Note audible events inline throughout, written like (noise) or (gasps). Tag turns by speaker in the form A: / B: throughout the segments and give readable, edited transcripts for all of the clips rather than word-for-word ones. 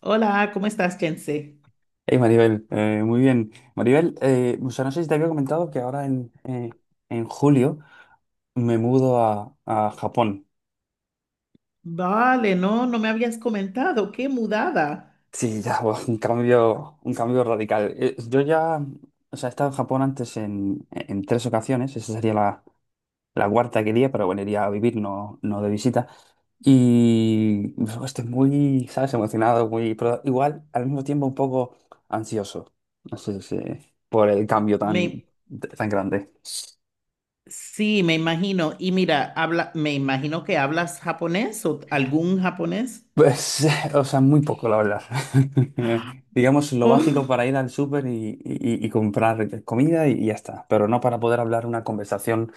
A: Hola, ¿cómo estás, Jense?
B: Hey Maribel, muy bien. Maribel, o sea, no sé si te había comentado que ahora en en julio me mudo a Japón.
A: Vale, no me habías comentado, qué mudada.
B: Sí, ya, (laughs) buah, un cambio radical. Yo ya, o sea, he estado en Japón antes en tres ocasiones, esa sería la cuarta que iría, pero bueno, iría a vivir, no, no de visita. Y pues, estoy muy, ¿sabes? Emocionado, muy, pero igual, al mismo tiempo un poco ansioso, no sé, por el cambio tan,
A: Me,
B: tan grande.
A: sí, me imagino. Y mira, me imagino que hablas japonés o algún japonés. (laughs)
B: Pues, (laughs) o sea, muy poco, la verdad. (laughs) Digamos lo básico
A: Oh,
B: para ir al súper y comprar comida y, ya está, pero no para poder hablar una conversación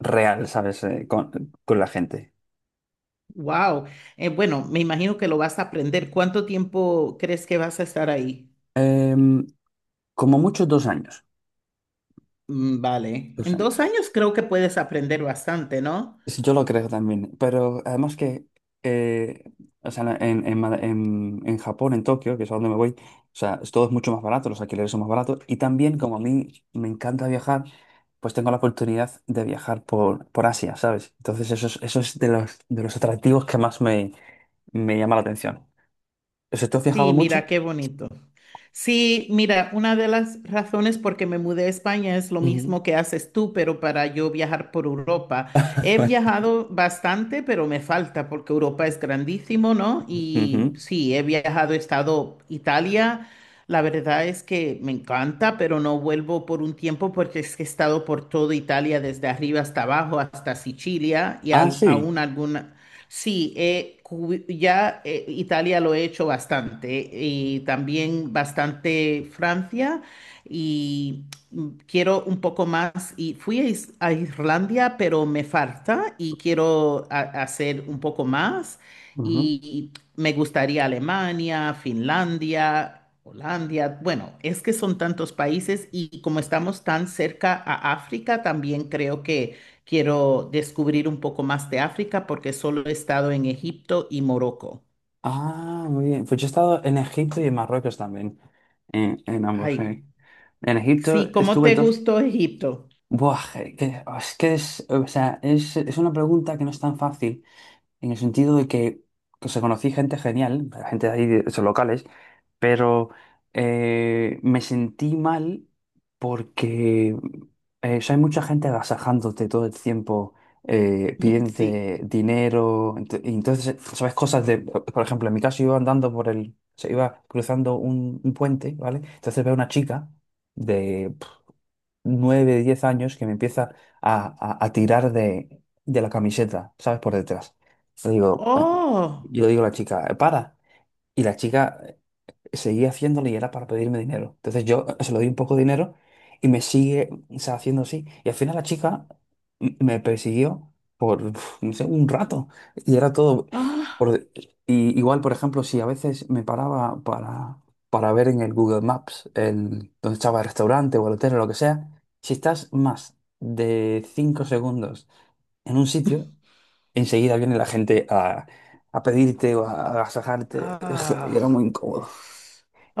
B: real, ¿sabes? Con la gente.
A: wow. Bueno, me imagino que lo vas a aprender. ¿Cuánto tiempo crees que vas a estar ahí?
B: Em, como mucho, 2 años.
A: Mm, vale,
B: Dos
A: en dos
B: años.
A: años creo que puedes aprender bastante, ¿no?
B: Sí, yo lo creo también, pero además que, eh, o sea, en Japón, en Tokio, que es a donde me voy, o sea, es- todo es mucho más barato, los alquileres son más baratos, y también como a mí me encanta viajar, pues tengo la oportunidad de viajar por Asia, ¿sabes? Entonces eso es de los atractivos que más me, me llama la atención. O sea, ¿tú has viajado
A: Sí, mira,
B: mucho?
A: qué bonito. Sí, mira, una de las razones por que me mudé a España es lo
B: Ujú.
A: mismo que haces tú, pero para yo viajar por Europa. He
B: (laughs)
A: viajado bastante, pero me falta porque Europa es grandísimo, ¿no? Y
B: Ujú.
A: sí, he viajado, he estado Italia. La verdad es que me encanta, pero no vuelvo por un tiempo porque es que he estado por toda Italia, desde arriba hasta abajo, hasta Sicilia y
B: Ah,
A: aún
B: sí.
A: algún. Sí, ya, Italia lo he hecho bastante y también bastante Francia y mm, quiero un poco más y fui a, a Irlanda, pero me falta y quiero hacer un poco más
B: Ujú.
A: y me gustaría Alemania, Finlandia. Holanda, bueno, es que son tantos países y como estamos tan cerca a África, también creo que quiero descubrir un poco más de África porque solo he estado en Egipto y Morocco.
B: Ah, muy bien. Pues yo he estado en Egipto y en Marruecos también, en ambos,
A: Ay,
B: sí. En Egipto
A: sí, ¿cómo
B: estuve
A: te
B: dos...
A: gustó Egipto?
B: Buah, oh, es que es, o sea, es una pregunta que no es tan fácil, en el sentido de que, o sea, conocí gente genial, gente de ahí, de esos locales, pero me sentí mal porque o sea, hay mucha gente agasajándote todo el tiempo,
A: (laughs) Sí.
B: pidiéndote dinero, y entonces, ¿sabes? Cosas de, por ejemplo, en mi caso iba andando por el, se iba cruzando un puente, ¿vale? Entonces veo una chica de 9 10 años que me empieza a, a tirar de la camiseta, ¿sabes? Por detrás. Le digo,
A: Oh,
B: yo le digo a la chica, para. Y la chica seguía haciéndolo y era para pedirme dinero. Entonces yo se lo di un poco de dinero y me sigue, o sea, haciendo así. Y al final la chica me persiguió por, uf, no sé, un rato. Y era todo...
A: ah,
B: por- y igual, por ejemplo, si a veces me paraba para ver en el Google Maps el, donde estaba el restaurante o el hotel o lo que sea, si estás más de 5 segundos en un sitio, enseguida viene la gente a pedirte o a agasajarte. (laughs) Y era
A: ah.
B: muy incómodo.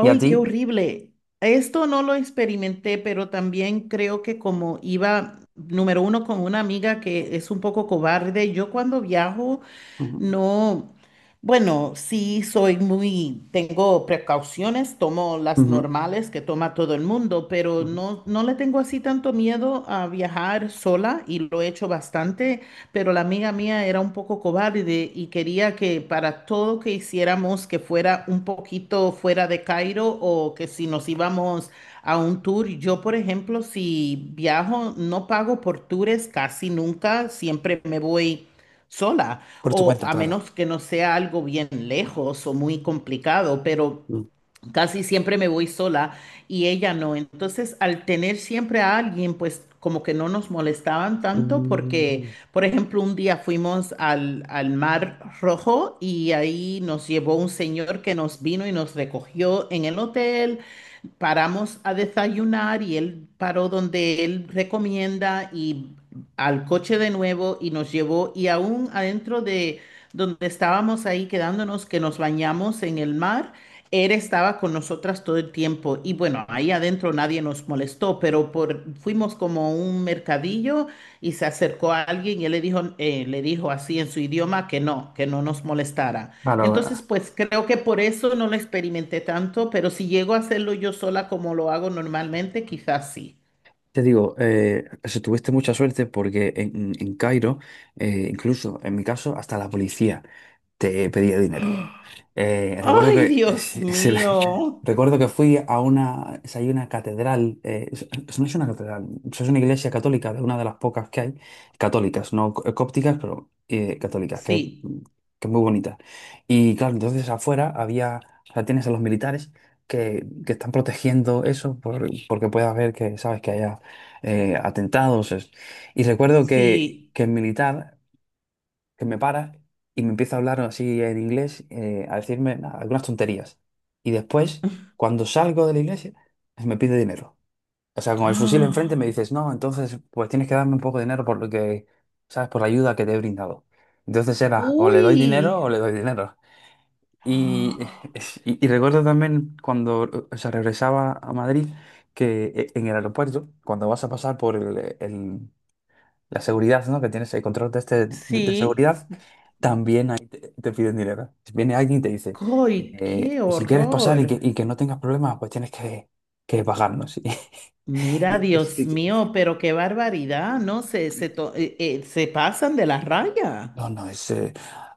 B: ¿Y a
A: qué
B: ti?
A: horrible! Esto no lo experimenté, pero también creo que como iba, número 1, con una amiga que es un poco cobarde, yo cuando viajo
B: Ujú,
A: no, bueno, sí soy muy, tengo precauciones, tomo las
B: ujú,
A: normales que toma todo el mundo, pero
B: ujú,
A: no le tengo así tanto miedo a viajar sola y lo he hecho bastante, pero la amiga mía era un poco cobarde y quería que para todo que hiciéramos que fuera un poquito fuera de Cairo o que si nos íbamos a un tour. Yo, por ejemplo, si viajo, no pago por tours casi nunca, siempre me voy sola
B: por tu
A: o
B: cuenta,
A: a
B: claro.
A: menos que no sea algo bien lejos o muy complicado, pero...
B: Ujú.
A: casi siempre me voy sola y ella no. Entonces, al tener siempre a alguien, pues como que no nos molestaban tanto porque,
B: Mm,
A: por ejemplo, un día fuimos al Mar Rojo y ahí nos llevó un señor que nos vino y nos recogió en el hotel. Paramos a desayunar y él paró donde él recomienda y al coche de nuevo y nos llevó y aún adentro de donde estábamos ahí quedándonos, que nos bañamos en el mar, él estaba con nosotras todo el tiempo y bueno, ahí adentro nadie nos molestó, pero por, fuimos como a un mercadillo y se acercó a alguien y él le dijo así en su idioma que no nos molestara.
B: claro,
A: Entonces,
B: ah,
A: pues creo que por eso no lo experimenté tanto, pero si llego a hacerlo yo sola como lo hago normalmente, quizás sí.
B: te digo, eso, tuviste mucha suerte porque en Cairo, incluso en mi caso, hasta la policía te pedía dinero. Recuerdo
A: Ay,
B: que
A: Dios mío.
B: (laughs) recuerdo que fui a una, hay una catedral, no es una catedral, es una iglesia católica de una de las pocas que hay, católicas, no cópticas, pero católicas,
A: Sí,
B: que es muy bonita. Y claro, entonces afuera había, o sea, tienes a los militares que están protegiendo eso porque puede haber que, sabes, que haya atentados. Y recuerdo
A: sí.
B: que el militar que me para y me empieza a hablar así en inglés, a decirme nada, algunas tonterías. Y después, cuando salgo de la iglesia, me pide dinero. O sea,
A: (gasps)
B: con el fusil enfrente me
A: ¡Ah!
B: dices, no, entonces pues tienes que darme un poco de dinero por lo que, ¿sabes? Por la ayuda que te he brindado. Entonces era, o le
A: Uy.
B: doy dinero o le doy dinero. Y, (laughs)
A: ¡Ah!
B: y recuerdo también cuando, o sea, regresaba a Madrid, que en el aeropuerto, cuando vas a pasar por el, la seguridad, ¿no? Que tienes el control de, este, de
A: Sí.
B: seguridad, también ahí te, te piden dinero. Si viene alguien y te dice,
A: ¡Ay, qué
B: si quieres pasar
A: horror!
B: y que no tengas problemas, pues tienes que pagarnos. (laughs)
A: Mira,
B: Y,
A: Dios mío, pero qué barbaridad, ¿no? Se pasan de la raya.
B: no, no, es.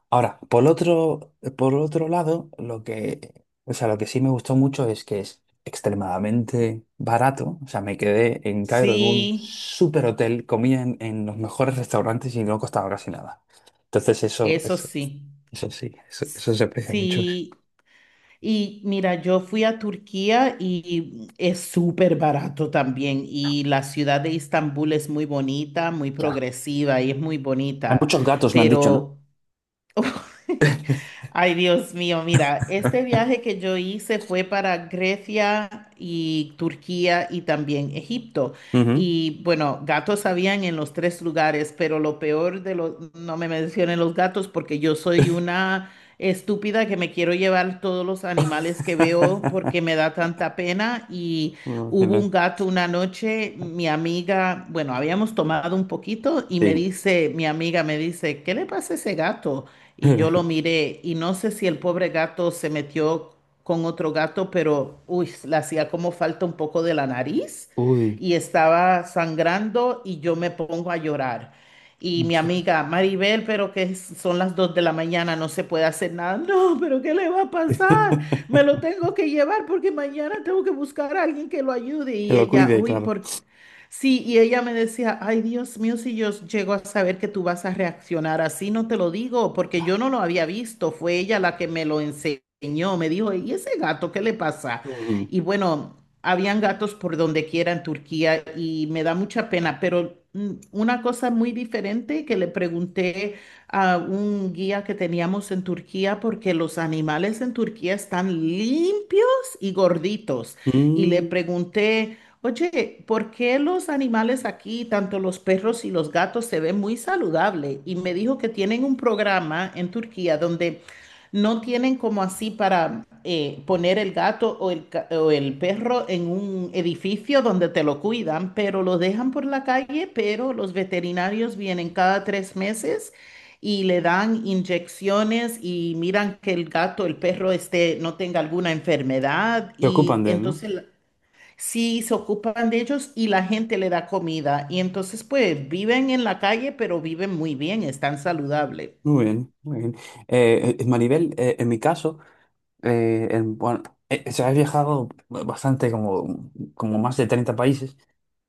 B: Ahora, por otro lado, lo que, o sea, lo que sí me gustó mucho es que es extremadamente barato. O sea, me quedé en Cairo en un
A: Sí,
B: super hotel, comía en los mejores restaurantes y no costaba casi nada. Entonces, eso,
A: eso
B: eso,
A: sí.
B: eso sí, eso, eso se aprecia mucho.
A: Sí, y mira, yo fui a Turquía y es súper barato también. Y la ciudad de Estambul es muy bonita, muy
B: Ya.
A: progresiva y es muy
B: Hay
A: bonita.
B: muchos gatos, me han dicho, ¿no?
A: Pero (laughs) ay, Dios mío, mira, este viaje que yo hice fue para Grecia y Turquía y también Egipto.
B: Ujú.
A: Y bueno, gatos habían en los tres lugares, pero lo peor de los, no me mencionen los gatos porque yo soy una estúpida que me quiero llevar todos los animales que veo
B: (laughs)
A: porque me da tanta pena. Y
B: Oh,
A: hubo un
B: hello.
A: gato una noche, mi amiga, bueno, habíamos tomado un poquito y me
B: Sí.
A: dice, mi amiga me dice, ¿qué le pasa a ese gato? Y yo lo
B: (laughs)
A: miré y no sé si el pobre gato se metió con otro gato, pero uy, le hacía como falta un poco de la nariz
B: Uy,
A: y estaba sangrando y yo me pongo a llorar. Y
B: en
A: mi
B: serio.
A: amiga Maribel, pero son las 2 de la mañana, no se puede hacer nada. No, pero ¿qué le va a pasar? Me lo
B: (laughs)
A: tengo que llevar porque mañana tengo que buscar a alguien que lo ayude.
B: Que
A: Y
B: lo
A: ella,
B: cuide,
A: uy,
B: claro.
A: ¿por, qué? Sí, y ella me decía, ay Dios mío, si yo llego a saber que tú vas a reaccionar así, no te lo digo, porque
B: Ya.
A: yo no lo había visto, fue ella la que me lo enseñó, me dijo, ¿y ese gato qué le pasa?
B: Mm.
A: Y bueno, habían gatos por donde quiera en Turquía y me da mucha pena, pero mm, una cosa muy diferente que le pregunté a un guía que teníamos en Turquía, porque los animales en Turquía están limpios y gorditos, y le
B: Mm,
A: pregunté... Oye, ¿por qué los animales aquí, tanto los perros y los gatos, se ven muy saludables? Y me dijo que tienen un programa en Turquía donde no tienen como así para poner el gato o el, o el perro en un edificio donde te lo cuidan, pero lo dejan por la calle, pero los veterinarios vienen cada 3 meses y le dan inyecciones y miran que el gato, el perro, este, no tenga alguna enfermedad
B: se
A: y
B: ocupan de él, ¿no?
A: entonces... Sí, se ocupan de ellos y la gente le da comida. Y entonces, pues, viven en la calle, pero viven muy bien, están saludables
B: Muy bien, muy bien. Maribel, en mi caso, bueno, se ha viajado bastante, como, como más de 30 países.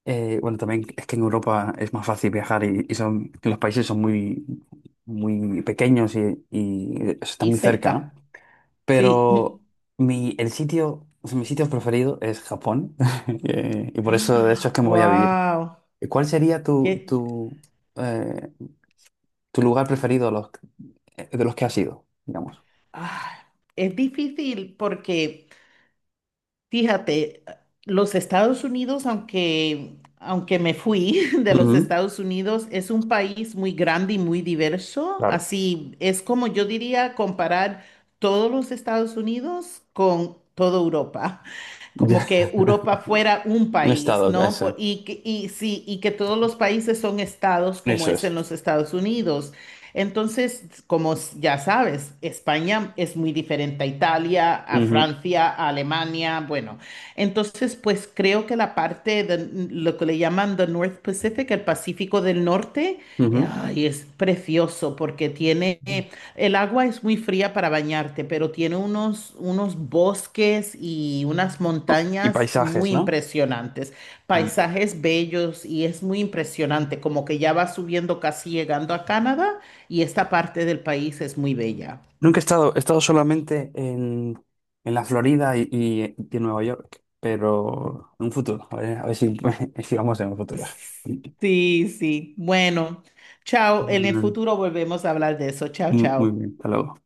B: Bueno, también es que en Europa es más fácil viajar y son, los países son muy, muy pequeños y están
A: y
B: muy cerca, ¿no?
A: cerca. Sí.
B: Pero
A: (laughs)
B: mi, el sitio, o sea, mi sitio preferido es Japón. (laughs) Y por eso, de hecho, es que me voy a vivir.
A: Wow.
B: ¿Cuál sería tu,
A: que
B: tu, eh, tu lugar preferido de los que has ido, digamos.
A: Es difícil porque, fíjate, los Estados Unidos, aunque, aunque me fui (laughs) de los
B: Ujú.
A: Estados Unidos, es un país muy grande y muy diverso.
B: Claro.
A: Así es como yo diría comparar todos los Estados Unidos con toda Europa.
B: Ya.
A: Como que
B: (laughs)
A: Europa fuera un
B: Un estado,
A: país, ¿no?
B: eso.
A: Y, y, sí, y que todos los países son estados como
B: Eso
A: es
B: es.
A: en los Estados Unidos. Entonces, como ya sabes, España es muy diferente a Italia, a
B: Ujú,
A: Francia, a Alemania, bueno. Entonces, pues creo que la parte de lo que le llaman the North Pacific, el Pacífico del Norte,
B: ujú.
A: ay, es precioso porque tiene el agua es muy fría para bañarte, pero tiene unos, unos bosques y unas
B: Y
A: montañas
B: paisajes,
A: muy
B: ¿no?
A: impresionantes,
B: Mm.
A: paisajes bellos y es muy impresionante, como que ya vas subiendo casi llegando a Canadá y esta parte del país es muy bella.
B: Nunca he estado, he estado solamente en la Florida y en Nueva York, pero en un futuro, a ver si, (laughs) si vamos en un futuro.
A: Sí, sí. Bueno, chao. En el
B: Mm,
A: futuro volvemos a hablar de eso. Chao,
B: muy
A: chao.
B: bien, hasta luego.